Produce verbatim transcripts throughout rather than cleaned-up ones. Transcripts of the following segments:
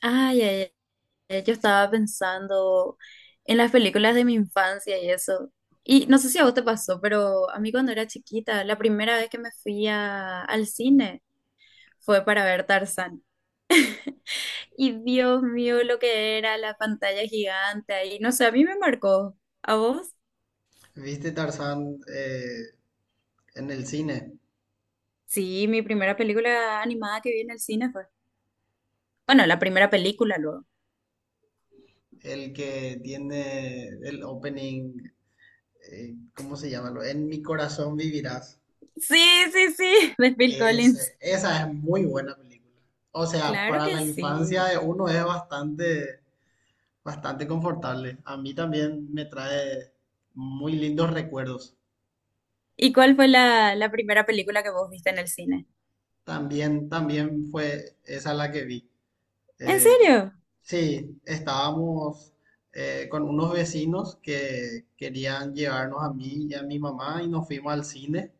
Ay, ay, ay, yo estaba pensando en las películas de mi infancia y eso. Y no sé si a vos te pasó, pero a mí cuando era chiquita, la primera vez que me fui a- al cine fue para ver Tarzán. Y Dios mío, lo que era la pantalla gigante ahí. No sé, a mí me marcó. ¿A vos? ¿Viste Tarzán eh, en el cine? Sí, mi primera película animada que vi en el cine fue. Bueno, la primera película luego. El que tiene el opening, eh, ¿cómo se llama? Lo- En mi corazón vivirás. Sí, sí, sí, de Phil Collins. Ese- esa es muy buena película. O sea, Claro para que la infancia sí. de uno es bastante, bastante confortable. A mí también me trae muy lindos recuerdos. ¿Y cuál fue la, la primera película que vos viste en el cine? También, también fue esa la que vi. ¿En Eh, serio? sí, estábamos eh, con unos vecinos que querían llevarnos a mí y a mi mamá y nos fuimos al cine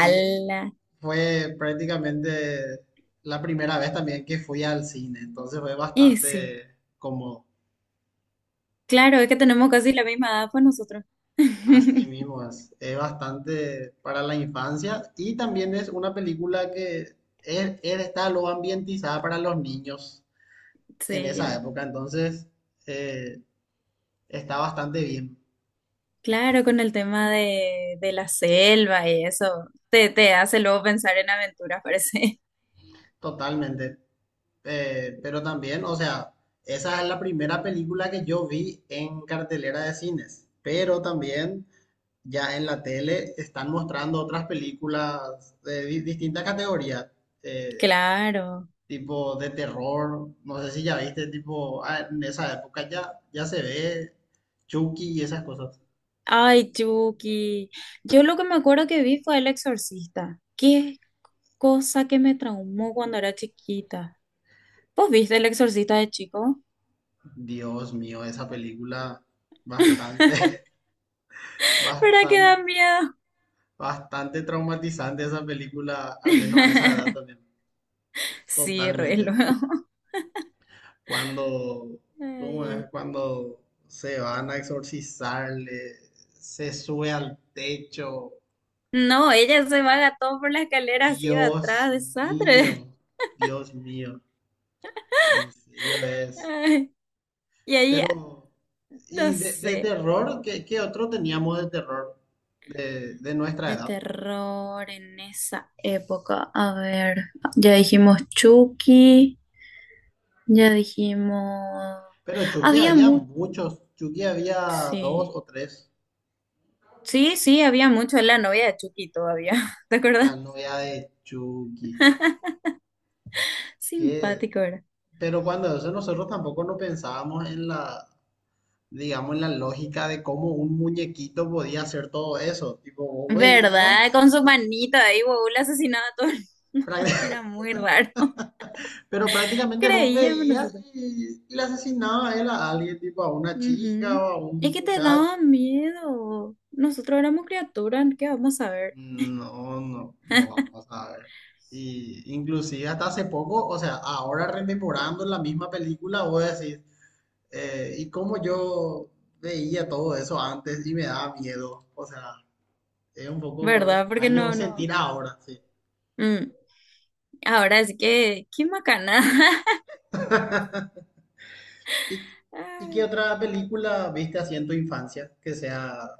y fue prácticamente la primera vez también que fui al cine, entonces fue Y sí, bastante como claro, es que tenemos casi la misma edad, pues nosotros. así mismo, es, es bastante para la infancia y también es una película que es- es- está lo ambientizada para los niños en esa Sí, época, entonces eh, está bastante bien. claro, con el tema de, de la selva y eso, te, te hace luego pensar en aventuras, parece. Totalmente. Eh, pero también, o sea, esa es la primera película que yo vi en cartelera de cines. Pero también ya en la tele están mostrando otras películas de di- distintas categorías, eh, Claro. tipo de terror. No sé si ya viste, tipo, ah, en esa época ya, ya se ve Chucky y esas cosas. Ay, Chucky. Yo lo que me acuerdo que vi fue El Exorcista. Qué cosa que me traumó cuando era chiquita. ¿Vos viste El Exorcista de chico? Dios mío, esa película bastante, ¿Verdad que da bastante, miedo? bastante traumatizante esa película, al menos a esa edad también. Sí, re Totalmente. luego. Cuando, ¿cómo Ay. es? Cuando se van a exorcizarle, se sube al techo. No, ella se va gatón por la escalera así de atrás, Dios desastre. mío, Dios mío, en serio es. Ay, y ahí, Pero, no ¿y de, de sé, terror? ¿Qué, ¿qué otro teníamos de terror de, de nuestra de edad? terror en esa época. A ver, ya dijimos Chucky, ya dijimos... Pero Chucky Había había mucho, muchos. Chucky había dos sí. o tres. Sí, sí, había mucho, la novia de Chucky todavía, ¿te acuerdas? La novia de Chucky. ¿Qué? Simpático era. Pero cuando eso nosotros tampoco no pensábamos en la, digamos, en la lógica de cómo un muñequito podía hacer todo eso. Tipo, vos veías, ¿Verdad? Con su manita ahí, huevón, le asesinaba a todo el- No, era práct- muy raro. pero prácticamente vos Creíamos veías nosotros. y le asesinaba a él a alguien, tipo a una chica Ujú. o a Es un que te muchacho. daba miedo. Nosotros éramos criaturas, ¿qué vamos a ver? No, no, no vamos a ver. Y inclusive hasta hace poco, o sea, ahora rememorando la misma película, voy a decir ¿y cómo yo veía todo eso antes y me daba miedo? O sea... Es un poco ¿Verdad? Porque extraño no, no. sentir ahora, sí. Mm. Ahora sí que, qué macana. ¿Y, y qué Ay. otra película viste así en tu infancia que sea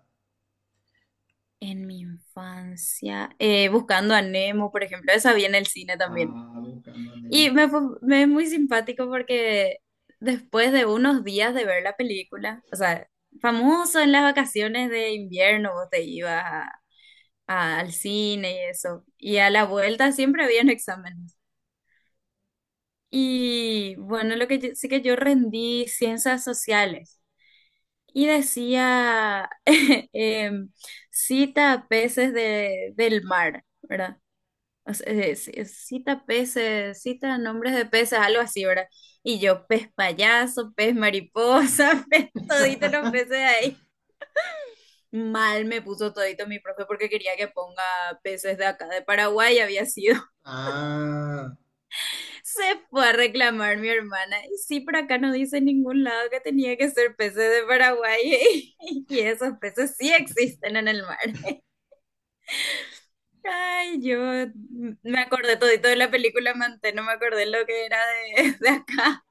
En mi infancia, eh, buscando a Nemo, por ejemplo, esa vi en el cine también. Ah, buscando a Nemo Y está me fue, bueno. me es muy simpático porque después de unos días de ver la película, o sea, famoso en las vacaciones de invierno, vos te ibas a- a- al cine y eso. Y a la vuelta siempre habían exámenes. Y bueno, lo que yo, sí que yo rendí ciencias sociales y decía em, cita peces de, del mar, ¿verdad? O sea, eh, c- eh, cita peces, cita nombres de peces, algo así, ¿verdad? Y yo, pez payaso, pez mariposa, pez todito los peces de ahí. Mal me puso todito mi profe porque quería que ponga peces de acá de Paraguay, había sido. Ah, Se fue a reclamar mi hermana. Y sí, por acá no dice en ningún lado que tenía que ser peces de Paraguay. Y esos peces sí existen en el mar. Ay, yo me acordé todito de la película Manté, no me acordé lo que era de, de acá.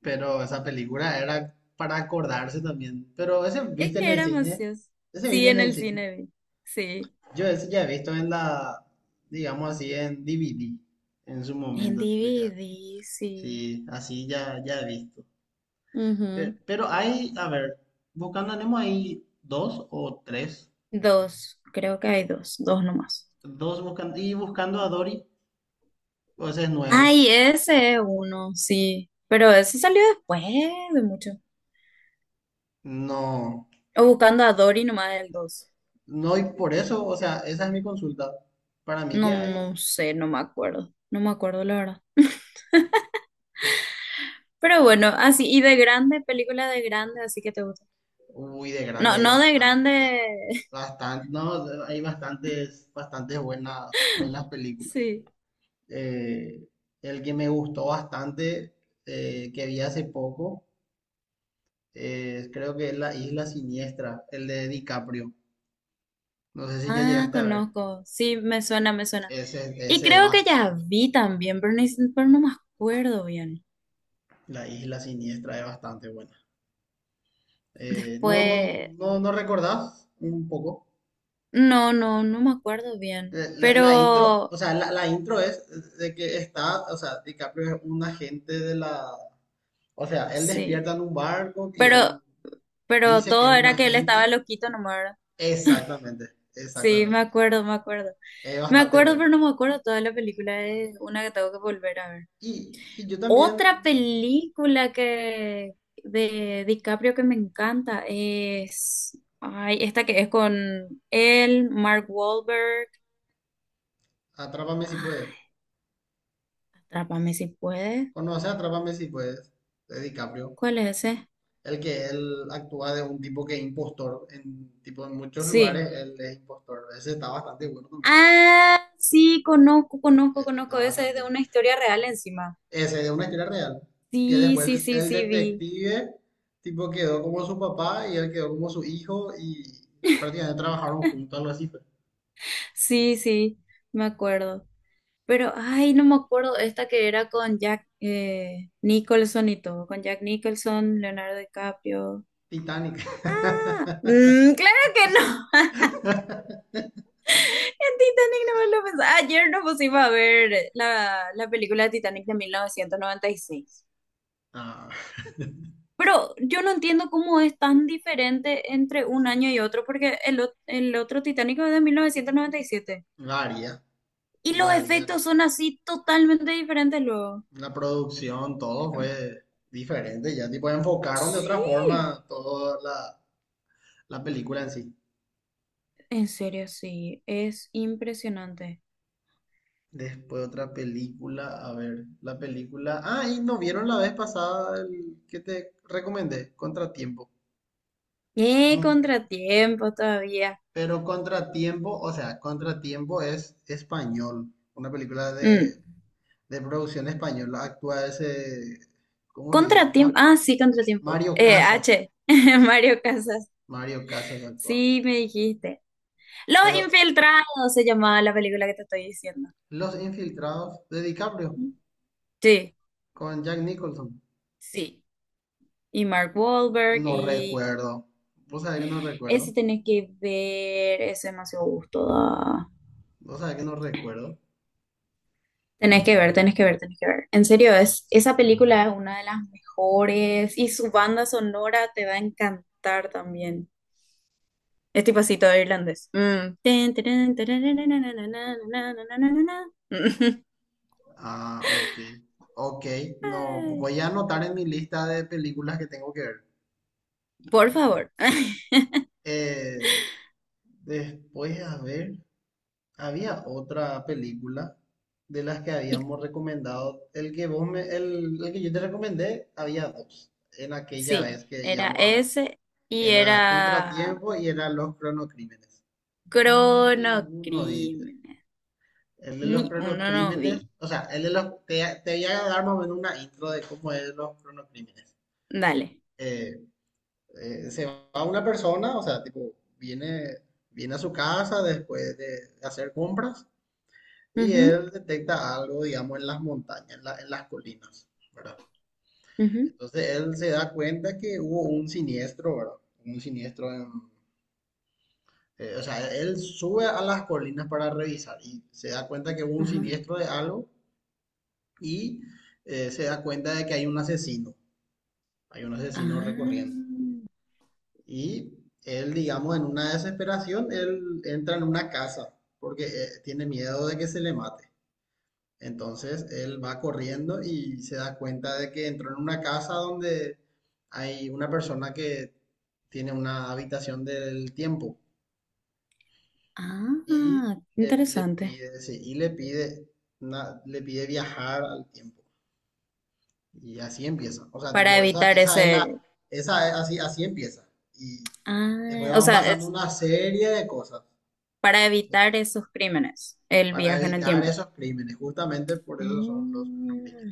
pero esa película era para acordarse también. Pero ese Es viste en que el era cine. ociosos. Ese Sí, viste en en el el cine. cine vi. Sí. Yo ese ya he visto en la, digamos así, en D V D. En su En momento, tipo ya. D V D, sí. Sí, así ya, ya he visto. Pe- Ujú. Pero, hay, a ver, Buscando a Nemo hay dos o tres. Dos, creo que hay dos, dos nomás. Dos buscando, y buscando a Dory, o ese es nuevo. Ay, ese es uno, sí. Pero ese salió después de mucho. No, O buscando a Dory nomás del dos. no, y por eso, o sea, esa es mi consulta. Para mí No, que no hay, sé, no me acuerdo. No me acuerdo, la verdad. Pero bueno, así, y de grande, película de grande, así que te gusta. uy, de No, grande hay no de bastante, grande. bastante, no, hay bastantes, bastantes buenas, buenas películas. Sí. Eh, el que me gustó bastante, eh, que vi hace poco, eh, creo que es La Isla Siniestra, el de DiCaprio. No sé si ya Ah, llegaste a ver. conozco. Sí, me suena, me suena. Ese, Y ese es creo que ya bastante. vi también, pero, ni- pero no me acuerdo bien. La Isla Siniestra es bastante buena. Eh, no, no, Después, no, no recordás un poco. no, no, no me acuerdo bien. Eh, la, la intro, Pero, o sea, la, la intro es de que está, o sea, DiCaprio es un agente de la, o sea, él sí. despierta en un barco y Pero, él pero dice que es todo un era que él estaba agente. loquito nomás. ¿Verdad? Exactamente, Sí, me exactamente. acuerdo, me acuerdo. Es Me bastante acuerdo, pero bueno. no me acuerdo toda la película. Es una que tengo que volver a ver. Y, y yo también, Otra película que de DiCaprio que me encanta es. Ay, esta que es con él, Mark Wahlberg. Atrápame si puedes. Ay, Atrápame si puede. Conoce Atrápame si puedes, de DiCaprio. ¿Cuál es ese? El que él actúa de un tipo que es impostor en, tipo, en muchos Sí. lugares, él es impostor. Ese está bastante bueno Ah, sí, conozco, conozco, ese está conozco. Esa es de bastante una bueno historia real encima. Ese es una historia real. Que Sí, después sí, el, sí, el sí, vi. detective, tipo, quedó como su papá y él quedó como su hijo y prácticamente trabajaron juntos, algo así fue. Sí, sí, me acuerdo. Pero, ay, no me acuerdo, esta que era con Jack eh, Nicholson y todo, con Jack Nicholson, Leonardo DiCaprio. Titanic. Ah, mm, claro que no. En Titanic no me lo pensaba. Ayer nos pusimos a ver la, la película de Titanic de mil novecientos noventa y seis. Ah, Pero yo no entiendo cómo es tan diferente entre un año y otro, porque el, o- el otro Titanic es de mil novecientos noventa y siete. varia, Y siete. Y los varia. efectos son así totalmente diferentes luego. La producción, todo fue diferente. Ya, tipo, enfocaron de otra Sí. forma toda la, la película en sí. En serio, sí, es impresionante. Después otra película, a ver, la película. Ah, y no vieron la vez pasada el que te recomendé, Contratiempo. ¡Eh, No. contratiempo todavía! Pero Contratiempo, o sea, Contratiempo es español, una película Mm. de, de producción española. Actúa ese, ¿cómo se llama? Contratiempo, Ma- ah, sí, contratiempo. Mario Eh, Casas. H, Mario Casas. Mario Casas actúa. Sí, me dijiste. Los Pero Infiltrados se llamaba la película que te estoy diciendo. Los Infiltrados de DiCaprio Sí, con Jack Nicholson. sí. Y Mark Wahlberg, No y recuerdo. ¿Vos sabés que no ese recuerdo? tenés que ver, ese demasiado gusto da. ¿Vos sabés que no recuerdo? Tenés que ver, tenés que ver, tenés que ver. En serio, es, esa película es una de las mejores y su banda sonora te va a encantar también. Es tipo así todo irlandés. Mm. Tin, tirin, tararararararararararararararararara. Ah, ok. Ok, no, Ay, voy a anotar en mi lista de películas que tengo que ver. por favor. Eh, después, a ver. Había otra película de las que Y habíamos recomendado. El que vos me, el, el que yo te recomendé, había dos en aquella sí, vez que era íbamos a ver. ese y Era era Contratiempo y era Los Cronocrímenes. Ninguno viste. Cronocrímenes. El de Ni los uno no vi. cronocrímenes, o sea, el de los, te, te voy a dar más o menos una intro de cómo es los cronocrímenes. Dale. Eh, eh, se va una persona, o sea, tipo, viene, viene a su casa después de hacer compras. Y Ujú, él detecta algo, digamos, en las montañas, en, la- en las colinas, ¿verdad? ujú, Entonces él se da cuenta que hubo un siniestro, ¿verdad? Un siniestro en... eh, o sea, él sube a las colinas para revisar y se da cuenta que hubo un ajá. siniestro de algo y eh, se da cuenta de que hay un asesino, hay un asesino recorriendo. Ah, Y él, digamos, en una desesperación, él entra en una casa porque eh, tiene miedo de que se le mate. Entonces él va corriendo y se da cuenta de que entró en una casa donde hay una persona que tiene una habitación del tiempo y ah, le, le interesante. pide, sí, y le pide, una- le pide viajar al tiempo. Y así empieza. O sea, Para tipo, esa, evitar esa es la, ese, esa es así, así empieza. Y después ah, o van sea, pasando es una serie de cosas para evitar esos crímenes, el para viaje en el evitar tiempo. esos crímenes. Justamente por eso son los crímenes. Mm.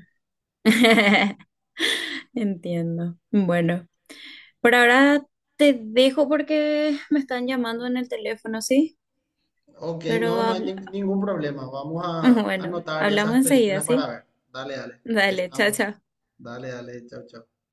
Entiendo. Bueno, por ahora te dejo porque me están llamando en el teléfono, ¿sí? Ok, Pero no, no hay ni- habl- ningún problema. Vamos a bueno, anotar hablamos esas enseguida, películas para ¿sí? ver. Dale, dale. Dale, chao, Estamos. chao. Dale, dale. Chao, chao.